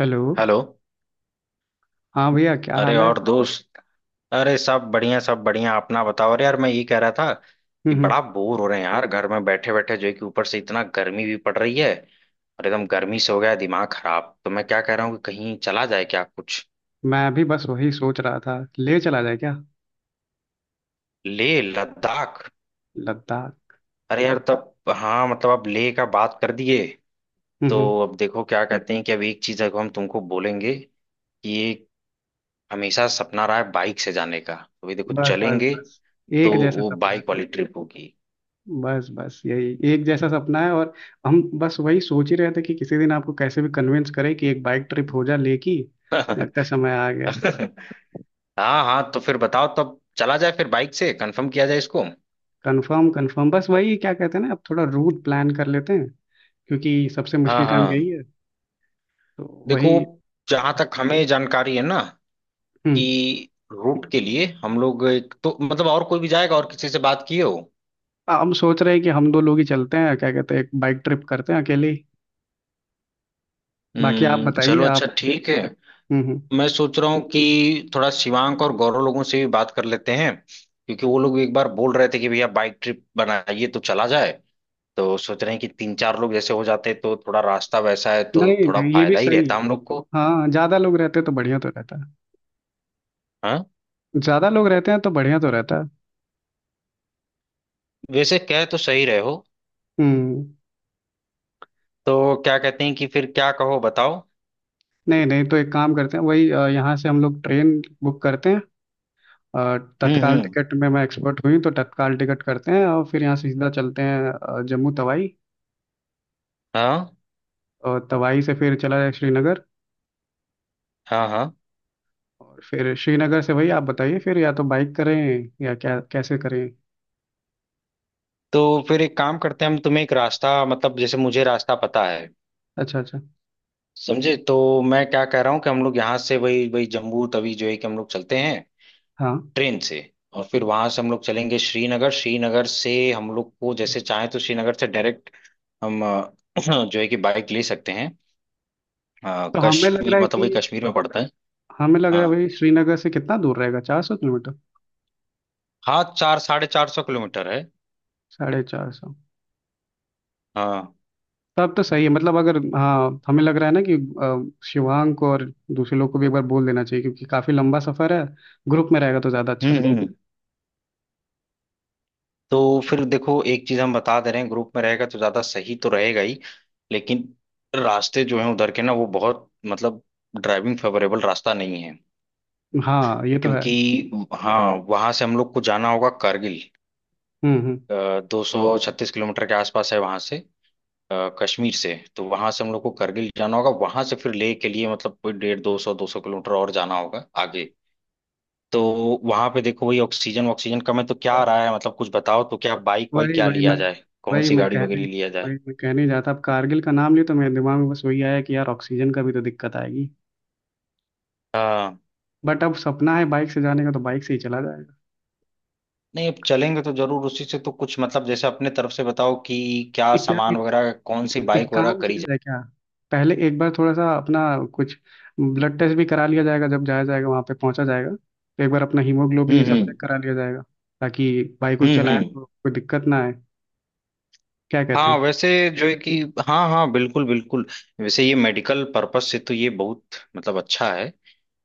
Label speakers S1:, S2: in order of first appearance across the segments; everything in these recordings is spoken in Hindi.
S1: हेलो।
S2: हेलो।
S1: हाँ भैया, क्या
S2: अरे
S1: हाल है।
S2: और दोस्त। अरे सब बढ़िया सब बढ़िया, अपना बताओ। अरे यार, मैं ये कह रहा था कि
S1: हम्म हम्म,
S2: बड़ा बोर हो रहे हैं यार, घर में बैठे बैठे जो है कि ऊपर से इतना गर्मी भी पड़ रही है। और एकदम गर्मी से हो गया है दिमाग खराब, तो मैं क्या कह रहा हूँ कि कहीं चला जाए क्या कुछ,
S1: मैं भी बस वही सोच रहा था, ले चला जाए क्या।
S2: ले लद्दाख।
S1: लद्दाख।
S2: अरे यार, तब हाँ मतलब अब ले का बात कर दिए।
S1: हम्म
S2: तो
S1: हम्म,
S2: अब देखो क्या कहते हैं कि अब एक चीज अगर हम तुमको बोलेंगे कि ये हमेशा सपना रहा है बाइक से जाने का, तो ये देखो
S1: बस बस
S2: चलेंगे।
S1: बस,
S2: तो
S1: एक जैसा
S2: वो
S1: सपना है
S2: बाइक
S1: फिर।
S2: वाली ट्रिप होगी।
S1: बस बस, यही एक जैसा सपना है। और हम बस वही सोच ही रहे थे कि किसी दिन आपको कैसे भी कन्विंस करें कि एक बाइक ट्रिप हो जा ले की। लगता है समय आ गया।
S2: हाँ हाँ, तो फिर बताओ तब चला जाए फिर, बाइक से कंफर्म किया जाए इसको।
S1: Confirm confirm. बस वही क्या कहते हैं ना, अब थोड़ा रूट प्लान कर लेते हैं, क्योंकि सबसे
S2: हाँ
S1: मुश्किल काम
S2: हाँ
S1: यही है। तो
S2: देखो,
S1: वही।
S2: जहां तक हमें जानकारी है ना
S1: हम्म
S2: कि रूट के लिए हम लोग एक तो मतलब, और कोई भी जाएगा और किसी से बात किए हो।
S1: हम सोच रहे हैं कि हम दो लोग ही चलते हैं, क्या कहते हैं, एक बाइक ट्रिप करते हैं अकेले। बाकी आप
S2: हम्म,
S1: बताइए,
S2: चलो
S1: आप।
S2: अच्छा ठीक है।
S1: हम्म हम्म।
S2: मैं सोच रहा हूँ कि थोड़ा शिवांक और गौरव लोगों से भी बात कर लेते हैं क्योंकि वो लोग एक बार बोल रहे थे कि भैया बाइक ट्रिप बनाइए तो चला जाए। तो सोच रहे हैं कि तीन चार लोग जैसे हो जाते तो थोड़ा रास्ता वैसा है तो
S1: नहीं
S2: थोड़ा
S1: नहीं, ये भी
S2: फायदा ही
S1: सही
S2: रहता
S1: है।
S2: हम लोग को।
S1: हाँ, ज्यादा लोग रहते तो बढ़िया तो रहता।
S2: हाँ?
S1: ज्यादा लोग रहते हैं तो बढ़िया तो रहता।
S2: वैसे कह तो सही रहे हो।
S1: हम्म।
S2: तो क्या कहते हैं कि फिर क्या कहो बताओ।
S1: नहीं नहीं, तो एक काम करते हैं, वही यहाँ से हम लोग ट्रेन बुक करते हैं। तत्काल
S2: हम्म।
S1: टिकट में मैं एक्सपर्ट हुई हूँ, तो तत्काल टिकट करते हैं, और फिर यहाँ से सीधा चलते हैं जम्मू तवाई।
S2: हाँ
S1: और तवाई से फिर चला जाए श्रीनगर।
S2: हाँ हाँ।
S1: और फिर श्रीनगर से वही आप बताइए, फिर या तो बाइक करें या क्या कैसे करें।
S2: तो फिर एक काम करते हैं, हम तुम्हें एक रास्ता मतलब जैसे मुझे रास्ता पता है।
S1: अच्छा अच्छा।
S2: समझे? तो मैं क्या कह रहा हूँ कि हम लोग यहाँ से वही वही जम्मू तवी जो है कि हम लोग चलते हैं
S1: हाँ
S2: ट्रेन से। और फिर वहां से हम लोग चलेंगे श्रीनगर, श्रीनगर से हम लोग को जैसे चाहे तो श्रीनगर से डायरेक्ट हम जो है कि बाइक ले सकते हैं।
S1: तो हमें लग
S2: कश्मीर
S1: रहा है
S2: मतलब
S1: कि,
S2: वही कश्मीर में पड़ता है।
S1: हमें लग रहा
S2: हाँ
S1: है वही श्रीनगर से कितना दूर रहेगा, 400 किलोमीटर।
S2: हाँ, चार 450 किलोमीटर है।
S1: 450।
S2: हाँ,
S1: तब तो सही है। मतलब अगर, हाँ, हमें लग रहा है ना कि शिवांग को और दूसरे लोग को भी एक बार बोल देना चाहिए, क्योंकि काफ़ी लंबा सफ़र है। ग्रुप में रहेगा तो ज़्यादा अच्छा
S2: हम्म
S1: लगेगा।
S2: हम्म। तो फिर देखो एक चीज हम बता दे रहे हैं, ग्रुप में रहेगा तो ज्यादा सही तो रहेगा ही, लेकिन रास्ते जो हैं उधर के ना वो बहुत मतलब ड्राइविंग फेवरेबल रास्ता नहीं है।
S1: हाँ ये तो है।
S2: क्योंकि हाँ, वहां से हम लोग को जाना होगा कारगिल।
S1: हम्म।
S2: 236 किलोमीटर के आसपास है वहां से, कश्मीर से, तो वहां से हम लोग को कारगिल जाना होगा, वहां से फिर लेह के लिए मतलब कोई डेढ़ दो सौ किलोमीटर और जाना होगा आगे। तो वहां पे देखो वही ऑक्सीजन ऑक्सीजन कम है, तो क्या आ
S1: बस
S2: रहा है मतलब, कुछ बताओ तो क्या बाइक वाइक
S1: वही
S2: क्या
S1: वही
S2: लिया जाए, कौन
S1: वही
S2: सी
S1: मैं
S2: गाड़ी
S1: कहने
S2: वगैरह लिया जाए।
S1: मैं कहने जाता, अब कारगिल का नाम लिया तो मेरे दिमाग में बस वही आया कि यार ऑक्सीजन का भी तो दिक्कत आएगी।
S2: हाँ,
S1: बट अब सपना है बाइक से जाने का, तो बाइक से ही चला जाएगा।
S2: नहीं अब चलेंगे तो जरूर उसी से, तो कुछ मतलब जैसे अपने तरफ से बताओ कि क्या
S1: इत्या
S2: सामान वगैरह कौन सी
S1: एक
S2: बाइक वगैरह
S1: काम
S2: करी
S1: किया
S2: जाए।
S1: जाए क्या, पहले एक बार थोड़ा सा अपना कुछ ब्लड टेस्ट भी करा लिया जाएगा। जब जाया जाएगा, वहाँ पे पहुँचा जाएगा, तो एक बार अपना हीमोग्लोबिन ये सब चेक
S2: हम्म।
S1: करा लिया जाएगा, ताकि बाइक को
S2: हम्म
S1: चलाएं
S2: हम्म।
S1: तो कोई दिक्कत ना आए। क्या कहते हैं।
S2: हाँ वैसे जो है कि, हाँ हाँ बिल्कुल बिल्कुल। वैसे ये मेडिकल पर्पस से तो ये बहुत मतलब अच्छा है,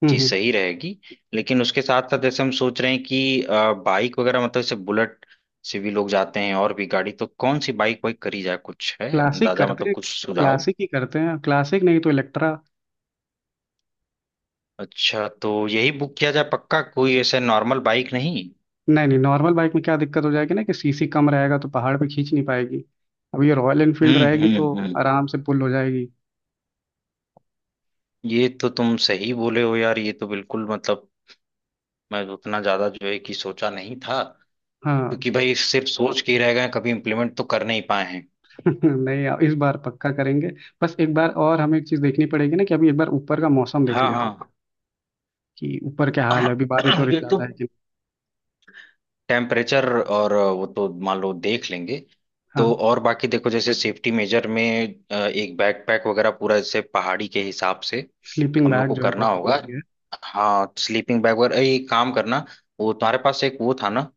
S2: चीज
S1: हम्म।
S2: सही रहेगी। लेकिन उसके साथ साथ जैसे हम सोच रहे हैं कि बाइक वगैरह मतलब जैसे बुलेट से भी लोग जाते हैं और भी गाड़ी, तो कौन सी बाइक वाइक करी जाए, कुछ है
S1: क्लासिक
S2: अंदाजा
S1: करते
S2: मतलब
S1: हैं,
S2: कुछ सुझाव।
S1: क्लासिक ही करते हैं, क्लासिक नहीं तो इलेक्ट्रा।
S2: अच्छा, तो यही बुक किया जाए पक्का, कोई ऐसे नॉर्मल बाइक नहीं।
S1: नहीं नहीं, नॉर्मल बाइक में क्या दिक्कत हो जाएगी ना कि सीसी कम रहेगा तो पहाड़ पे खींच नहीं पाएगी। अब ये रॉयल एनफील्ड रहेगी तो
S2: हम्म।
S1: आराम से पुल हो जाएगी।
S2: ये तो तुम सही बोले हो यार, ये तो बिल्कुल मतलब मैं उतना ज्यादा जो है कि सोचा नहीं था।
S1: हाँ।
S2: क्योंकि भाई सिर्फ सोच के ही रह गए, कभी इम्प्लीमेंट तो कर नहीं पाए हैं।
S1: नहीं, अब इस बार पक्का करेंगे। बस एक बार और हमें एक चीज देखनी पड़ेगी ना कि अभी एक बार ऊपर का मौसम देख लेते हैं
S2: हाँ
S1: कि ऊपर क्या हाल है,
S2: हाँ।
S1: अभी बारिश हो रही
S2: ये तो
S1: ज्यादा है कि नहीं।
S2: टेम्परेचर और वो तो मान लो देख लेंगे। तो
S1: हाँ,
S2: और बाकी देखो जैसे सेफ्टी मेजर में एक बैकपैक वगैरह पूरा जैसे पहाड़ी के हिसाब से
S1: स्लीपिंग
S2: हम लोग
S1: बैग
S2: को
S1: जो है,
S2: करना
S1: बहुत
S2: होगा।
S1: जरूरी है।
S2: हाँ स्लीपिंग बैग वगैरह ये काम करना, वो तुम्हारे पास एक वो था ना,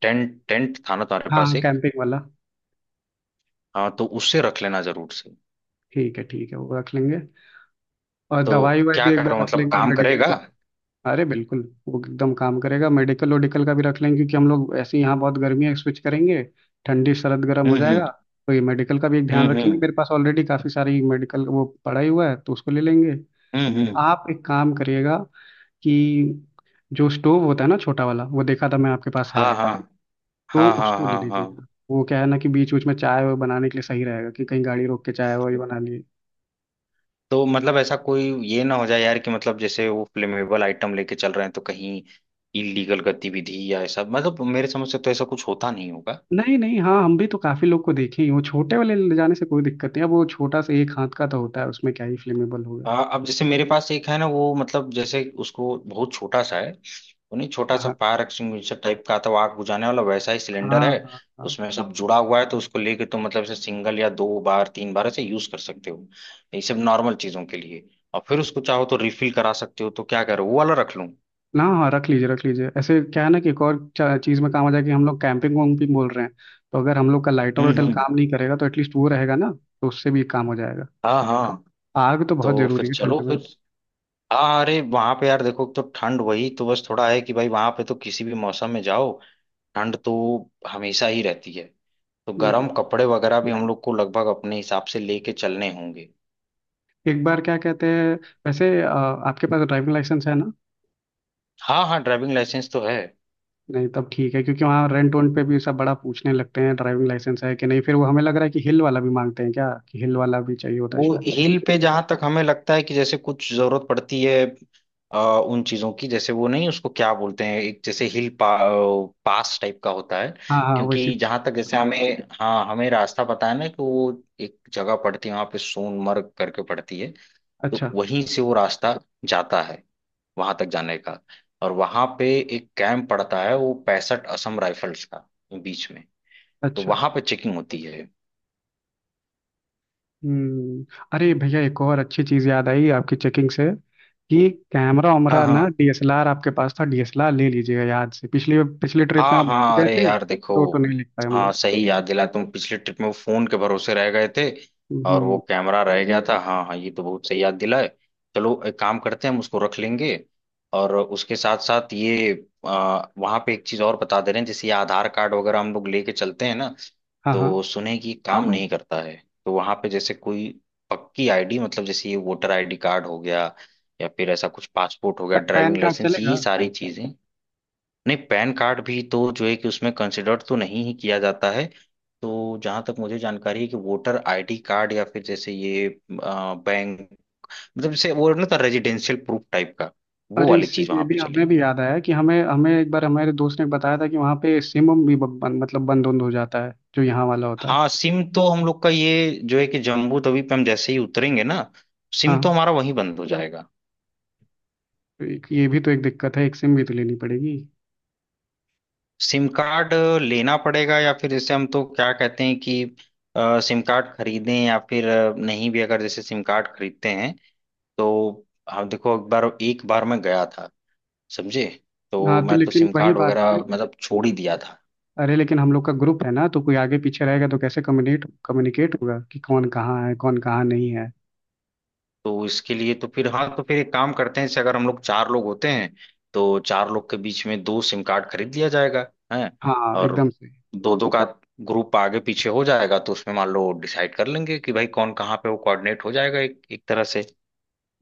S2: टेंट टेंट था ना तुम्हारे
S1: हाँ
S2: पास
S1: हाँ,
S2: एक।
S1: कैंपिंग वाला।
S2: हाँ तो उससे रख लेना जरूर से।
S1: ठीक है ठीक है, वो रख लेंगे। और
S2: तो
S1: दवाई वाई
S2: क्या
S1: भी एक
S2: करो
S1: बार रख
S2: मतलब
S1: लेंगे,
S2: काम
S1: मेडिकल
S2: करेगा।
S1: भी। अरे बिल्कुल, वो एकदम काम करेगा। मेडिकल वोडिकल का भी रख लेंगे, क्योंकि हम लोग ऐसे ही यहाँ बहुत गर्मी है, स्विच करेंगे, ठंडी सरद, गर्म
S2: हम्म
S1: हो जाएगा।
S2: हम्म
S1: तो ये मेडिकल का भी एक ध्यान
S2: हम्म
S1: रखेंगे।
S2: हम्म
S1: मेरे पास ऑलरेडी काफी सारी मेडिकल वो पड़ा ही हुआ है, तो उसको ले लेंगे।
S2: हम्म हम्म।
S1: आप एक काम करिएगा कि जो स्टोव होता है ना, छोटा वाला, वो देखा था मैं आपके पास है।
S2: हाँ हाँ
S1: तो
S2: हाँ हाँ
S1: उसको ले
S2: हाँ हाँ।
S1: लीजिएगा। वो क्या है ना कि बीच बीच में चाय वो बनाने के लिए सही रहेगा कि कहीं गाड़ी रोक के चाय वही बना लिए।
S2: तो मतलब ऐसा कोई ये ना हो जाए यार कि मतलब जैसे वो फ्लेमेबल आइटम लेके चल रहे हैं तो कहीं इलीगल गतिविधि या ऐसा मतलब, मेरे समझ से तो ऐसा कुछ होता नहीं होगा।
S1: नहीं नहीं, हाँ हम भी तो काफी लोग को देखे ही हैं। वो छोटे वाले ले जाने से कोई दिक्कत नहीं है। वो छोटा सा एक हाथ का तो होता है, उसमें क्या ही फ्लेमेबल होगा।
S2: अब जैसे मेरे पास एक है ना, वो मतलब जैसे उसको, बहुत छोटा सा है, वो नहीं, छोटा सा
S1: हाँ
S2: फायर एक्सटिंग्विशर टाइप का आता है, वो आग बुझाने वाला वैसा ही सिलेंडर
S1: हाँ
S2: है।
S1: हाँ हाँ।
S2: उसमें सब जुड़ा हुआ है तो उसको लेके तो मतलब ऐसे सिंगल या दो बार तीन बार ऐसे यूज कर सकते हो, ये सब नॉर्मल चीजों के लिए। और फिर उसको चाहो तो रिफिल करा सकते हो, तो क्या करो वो वाला रख लूं।
S1: ना, हाँ, रख लीजिए रख लीजिए। ऐसे क्या है ना कि एक और चीज़ में काम आ जाए। कि हम लोग कैंपिंग वैम्पिंग बोल रहे हैं, तो अगर हम लोग का लाइटर वाइटर
S2: हम्म।
S1: काम नहीं करेगा, तो एटलीस्ट वो रहेगा ना, तो उससे भी काम हो जाएगा।
S2: हाँ हाँ।
S1: आग तो बहुत
S2: तो फिर
S1: जरूरी है
S2: चलो फिर,
S1: ठंड
S2: हाँ अरे वहां पे यार देखो, तो ठंड वही तो बस थोड़ा है कि भाई वहां पे तो किसी भी मौसम में जाओ, ठंड तो हमेशा ही रहती है। तो
S1: में।
S2: गर्म कपड़े वगैरह भी हम लोग को लगभग अपने हिसाब से लेके चलने होंगे।
S1: एक बार क्या कहते हैं, वैसे आपके पास ड्राइविंग लाइसेंस है ना।
S2: हाँ हाँ, ड्राइविंग लाइसेंस तो है।
S1: नहीं तब ठीक है, क्योंकि वहाँ रेंट वेंट पे भी सब बड़ा पूछने लगते हैं ड्राइविंग लाइसेंस है कि नहीं। फिर वो हमें लग रहा है कि हिल वाला भी मांगते हैं क्या, कि हिल वाला भी चाहिए होता है
S2: वो
S1: शायद।
S2: हिल पे जहां तक हमें लगता है कि जैसे कुछ जरूरत पड़ती है उन चीजों की, जैसे वो नहीं उसको क्या बोलते हैं, एक जैसे हिल पास टाइप का होता है।
S1: हाँ हाँ, वैसे।
S2: क्योंकि जहां तक जैसे हमें, हाँ हमें रास्ता पता है ना कि वो एक जगह पड़ती है वहां पे सोनमर्ग करके पड़ती है। तो
S1: अच्छा।
S2: वहीं से वो रास्ता जाता है वहां तक जाने का। और वहां पे एक कैंप पड़ता है वो 65 असम राइफल्स का, बीच में। तो
S1: अच्छा।
S2: वहां पे चेकिंग होती है।
S1: हम्म। अरे भैया, एक और अच्छी चीज़ याद आई आपकी चेकिंग से, कि कैमरा
S2: हाँ
S1: वैमरा
S2: हाँ
S1: ना, डीएसएलआर आपके पास था, डीएसएलआर ले लीजिएगा याद से। पिछली पिछली ट्रिप में
S2: हाँ
S1: आप भूल
S2: हाँ।
S1: गए
S2: अरे
S1: थे,
S2: यार देखो,
S1: तो नहीं लिख पाए हम
S2: हाँ
S1: लोग।
S2: सही याद दिला, तुम पिछले ट्रिप में वो फोन के भरोसे रह गए थे, और वो
S1: हम्म।
S2: कैमरा रह गया था। हाँ हाँ, ये तो बहुत सही याद दिलाए। चलो एक काम करते हैं, हम उसको रख लेंगे। और उसके साथ साथ ये वहाँ पे एक चीज और बता दे रहे हैं, जैसे ये आधार कार्ड वगैरह हम लोग लेके चलते हैं ना,
S1: हाँ हाँ।
S2: तो सुने कि हाँ काम, हाँ नहीं करता है। तो वहाँ पे जैसे कोई पक्की आईडी मतलब जैसे ये वोटर आईडी कार्ड हो गया, या फिर ऐसा कुछ पासपोर्ट हो गया, ड्राइविंग
S1: पैन कार्ड
S2: लाइसेंस, ये
S1: चलेगा।
S2: सारी चीजें। नहीं, पैन कार्ड भी तो जो है कि उसमें कंसिडर तो नहीं ही किया जाता है। तो जहां तक मुझे जानकारी है कि वोटर आईडी कार्ड, या फिर जैसे ये बैंक मतलब जैसे वो ना था रेजिडेंशियल प्रूफ टाइप का, वो
S1: अरे
S2: वाली
S1: इससे
S2: चीज
S1: ये
S2: वहां पे
S1: भी हमें भी
S2: चलेगी।
S1: याद आया कि हमें हमें एक बार हमारे दोस्त ने बताया था कि वहाँ पे सिम उम भी बंद, मतलब बंद उंद हो जाता है जो यहाँ वाला होता है।
S2: हाँ, सिम तो हम लोग का ये जो है कि जम्बू तवी पे हम जैसे ही उतरेंगे ना, सिम तो
S1: हाँ,
S2: हमारा वहीं बंद हो जाएगा।
S1: तो एक ये भी तो एक दिक्कत है, एक सिम भी तो लेनी पड़ेगी।
S2: सिम कार्ड लेना पड़ेगा, या फिर जैसे हम तो क्या कहते हैं कि सिम कार्ड खरीदें, या फिर नहीं भी, अगर जैसे सिम कार्ड खरीदते हैं तो, हाँ देखो, एक बार मैं गया था। समझे? तो
S1: हाँ, तो
S2: मैं तो
S1: लेकिन
S2: सिम
S1: वही
S2: कार्ड
S1: बात है
S2: वगैरह
S1: ना,
S2: मतलब छोड़ ही दिया था।
S1: अरे लेकिन हम लोग का ग्रुप है ना, तो कोई आगे पीछे रहेगा तो कैसे कम्युनिकेट कम्युनिकेट होगा कि कौन कहाँ है, कौन कहाँ नहीं है।
S2: तो इसके लिए तो फिर, हाँ तो फिर एक काम करते हैं, जैसे अगर हम लोग चार लोग होते हैं तो चार लोग के बीच में दो सिम कार्ड खरीद लिया जाएगा, है।
S1: हाँ
S2: और
S1: एकदम से।
S2: दो दो का ग्रुप आगे पीछे हो जाएगा, तो उसमें मान लो डिसाइड कर लेंगे कि भाई कौन कहाँ पे वो, कोऑर्डिनेट हो जाएगा एक, एक तरह से।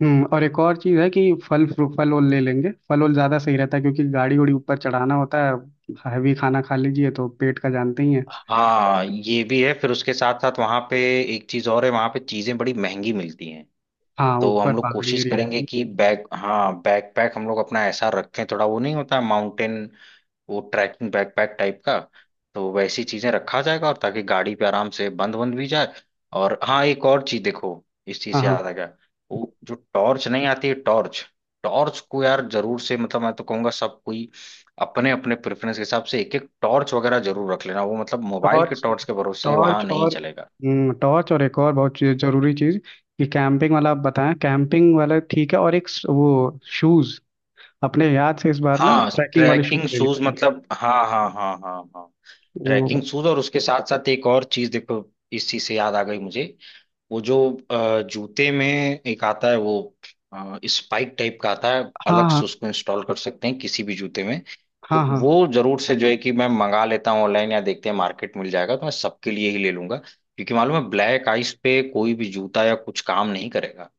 S1: हम्म, और एक और चीज़ है कि फल फल वल ले लेंगे। फल वल ज़्यादा सही रहता है क्योंकि गाड़ी उड़ी ऊपर चढ़ाना होता है, हैवी खाना खा लीजिए तो पेट का जानते ही है।
S2: हाँ ये भी है, फिर उसके साथ साथ वहां पे एक चीज और है, वहां पे चीजें बड़ी महंगी मिलती हैं।
S1: हाँ
S2: तो
S1: ऊपर
S2: हम लोग
S1: पहाड़ी
S2: कोशिश
S1: एरिया
S2: करेंगे
S1: है।
S2: कि बैग, हाँ बैकपैक हम लोग अपना ऐसा रखें, थोड़ा वो नहीं होता माउंटेन, वो ट्रैकिंग बैकपैक टाइप का। तो वैसी चीजें रखा जाएगा, और ताकि गाड़ी पे आराम से बंद बंद भी जाए। और हाँ एक और चीज देखो, इस चीज
S1: हाँ
S2: से याद
S1: हाँ।
S2: आ गया, वो जो टॉर्च नहीं आती है टॉर्च, टॉर्च को यार जरूर से मतलब मैं तो कहूंगा सब कोई अपने अपने प्रेफरेंस के हिसाब से एक एक टॉर्च वगैरह जरूर रख लेना, वो मतलब मोबाइल के
S1: टॉर्च,
S2: टॉर्च के भरोसे वहां
S1: टॉर्च
S2: नहीं
S1: और
S2: चलेगा।
S1: टॉर्च और एक और बहुत जरूरी चीज कि कैंपिंग वाला आप बताएं, कैंपिंग वाला ठीक है। और एक वो शूज अपने याद से इस बार ना
S2: हाँ
S1: ट्रैकिंग वाले शूज
S2: ट्रैकिंग
S1: ले
S2: शूज
S1: लेंगे।
S2: मतलब, हाँ हाँ हाँ हाँ हाँ।
S1: वो
S2: ट्रैकिंग शूज और उसके साथ साथ एक और चीज देखो, इस चीज से याद आ गई मुझे, वो जो जूते में एक आता है, वो स्पाइक टाइप का आता है
S1: हाँ
S2: अलग से,
S1: हाँ
S2: उसको इंस्टॉल कर सकते हैं किसी भी जूते में।
S1: हाँ
S2: तो
S1: हाँ।
S2: वो जरूर से जो है कि मैं मंगा लेता हूँ ऑनलाइन, या देखते हैं मार्केट मिल जाएगा, तो मैं सबके लिए ही ले लूंगा क्योंकि मालूम है ब्लैक आइस पे कोई भी जूता या कुछ काम नहीं करेगा।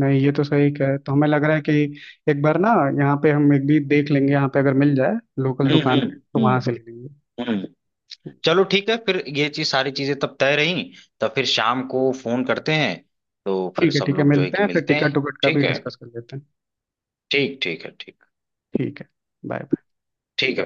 S1: नहीं, ये तो सही कह रहे हैं। तो हमें लग रहा है कि एक बार ना यहाँ पे हम एक भी देख लेंगे, यहाँ पे अगर मिल जाए लोकल
S2: हम्म
S1: दुकान
S2: हम्म
S1: पे, तो वहां से ले
S2: हम्म
S1: लेंगे।
S2: हम्म। चलो ठीक है फिर, ये चीज सारी चीजें तब तय रही। तो फिर शाम को फोन करते हैं, तो फिर
S1: ठीक है
S2: सब
S1: ठीक है,
S2: लोग जो है
S1: मिलते
S2: कि
S1: हैं फिर।
S2: मिलते
S1: टिकट
S2: हैं।
S1: टुकट का भी
S2: ठीक है,
S1: डिस्कस कर लेते हैं।
S2: ठीक ठीक है, ठीक
S1: ठीक है। बाय।
S2: ठीक।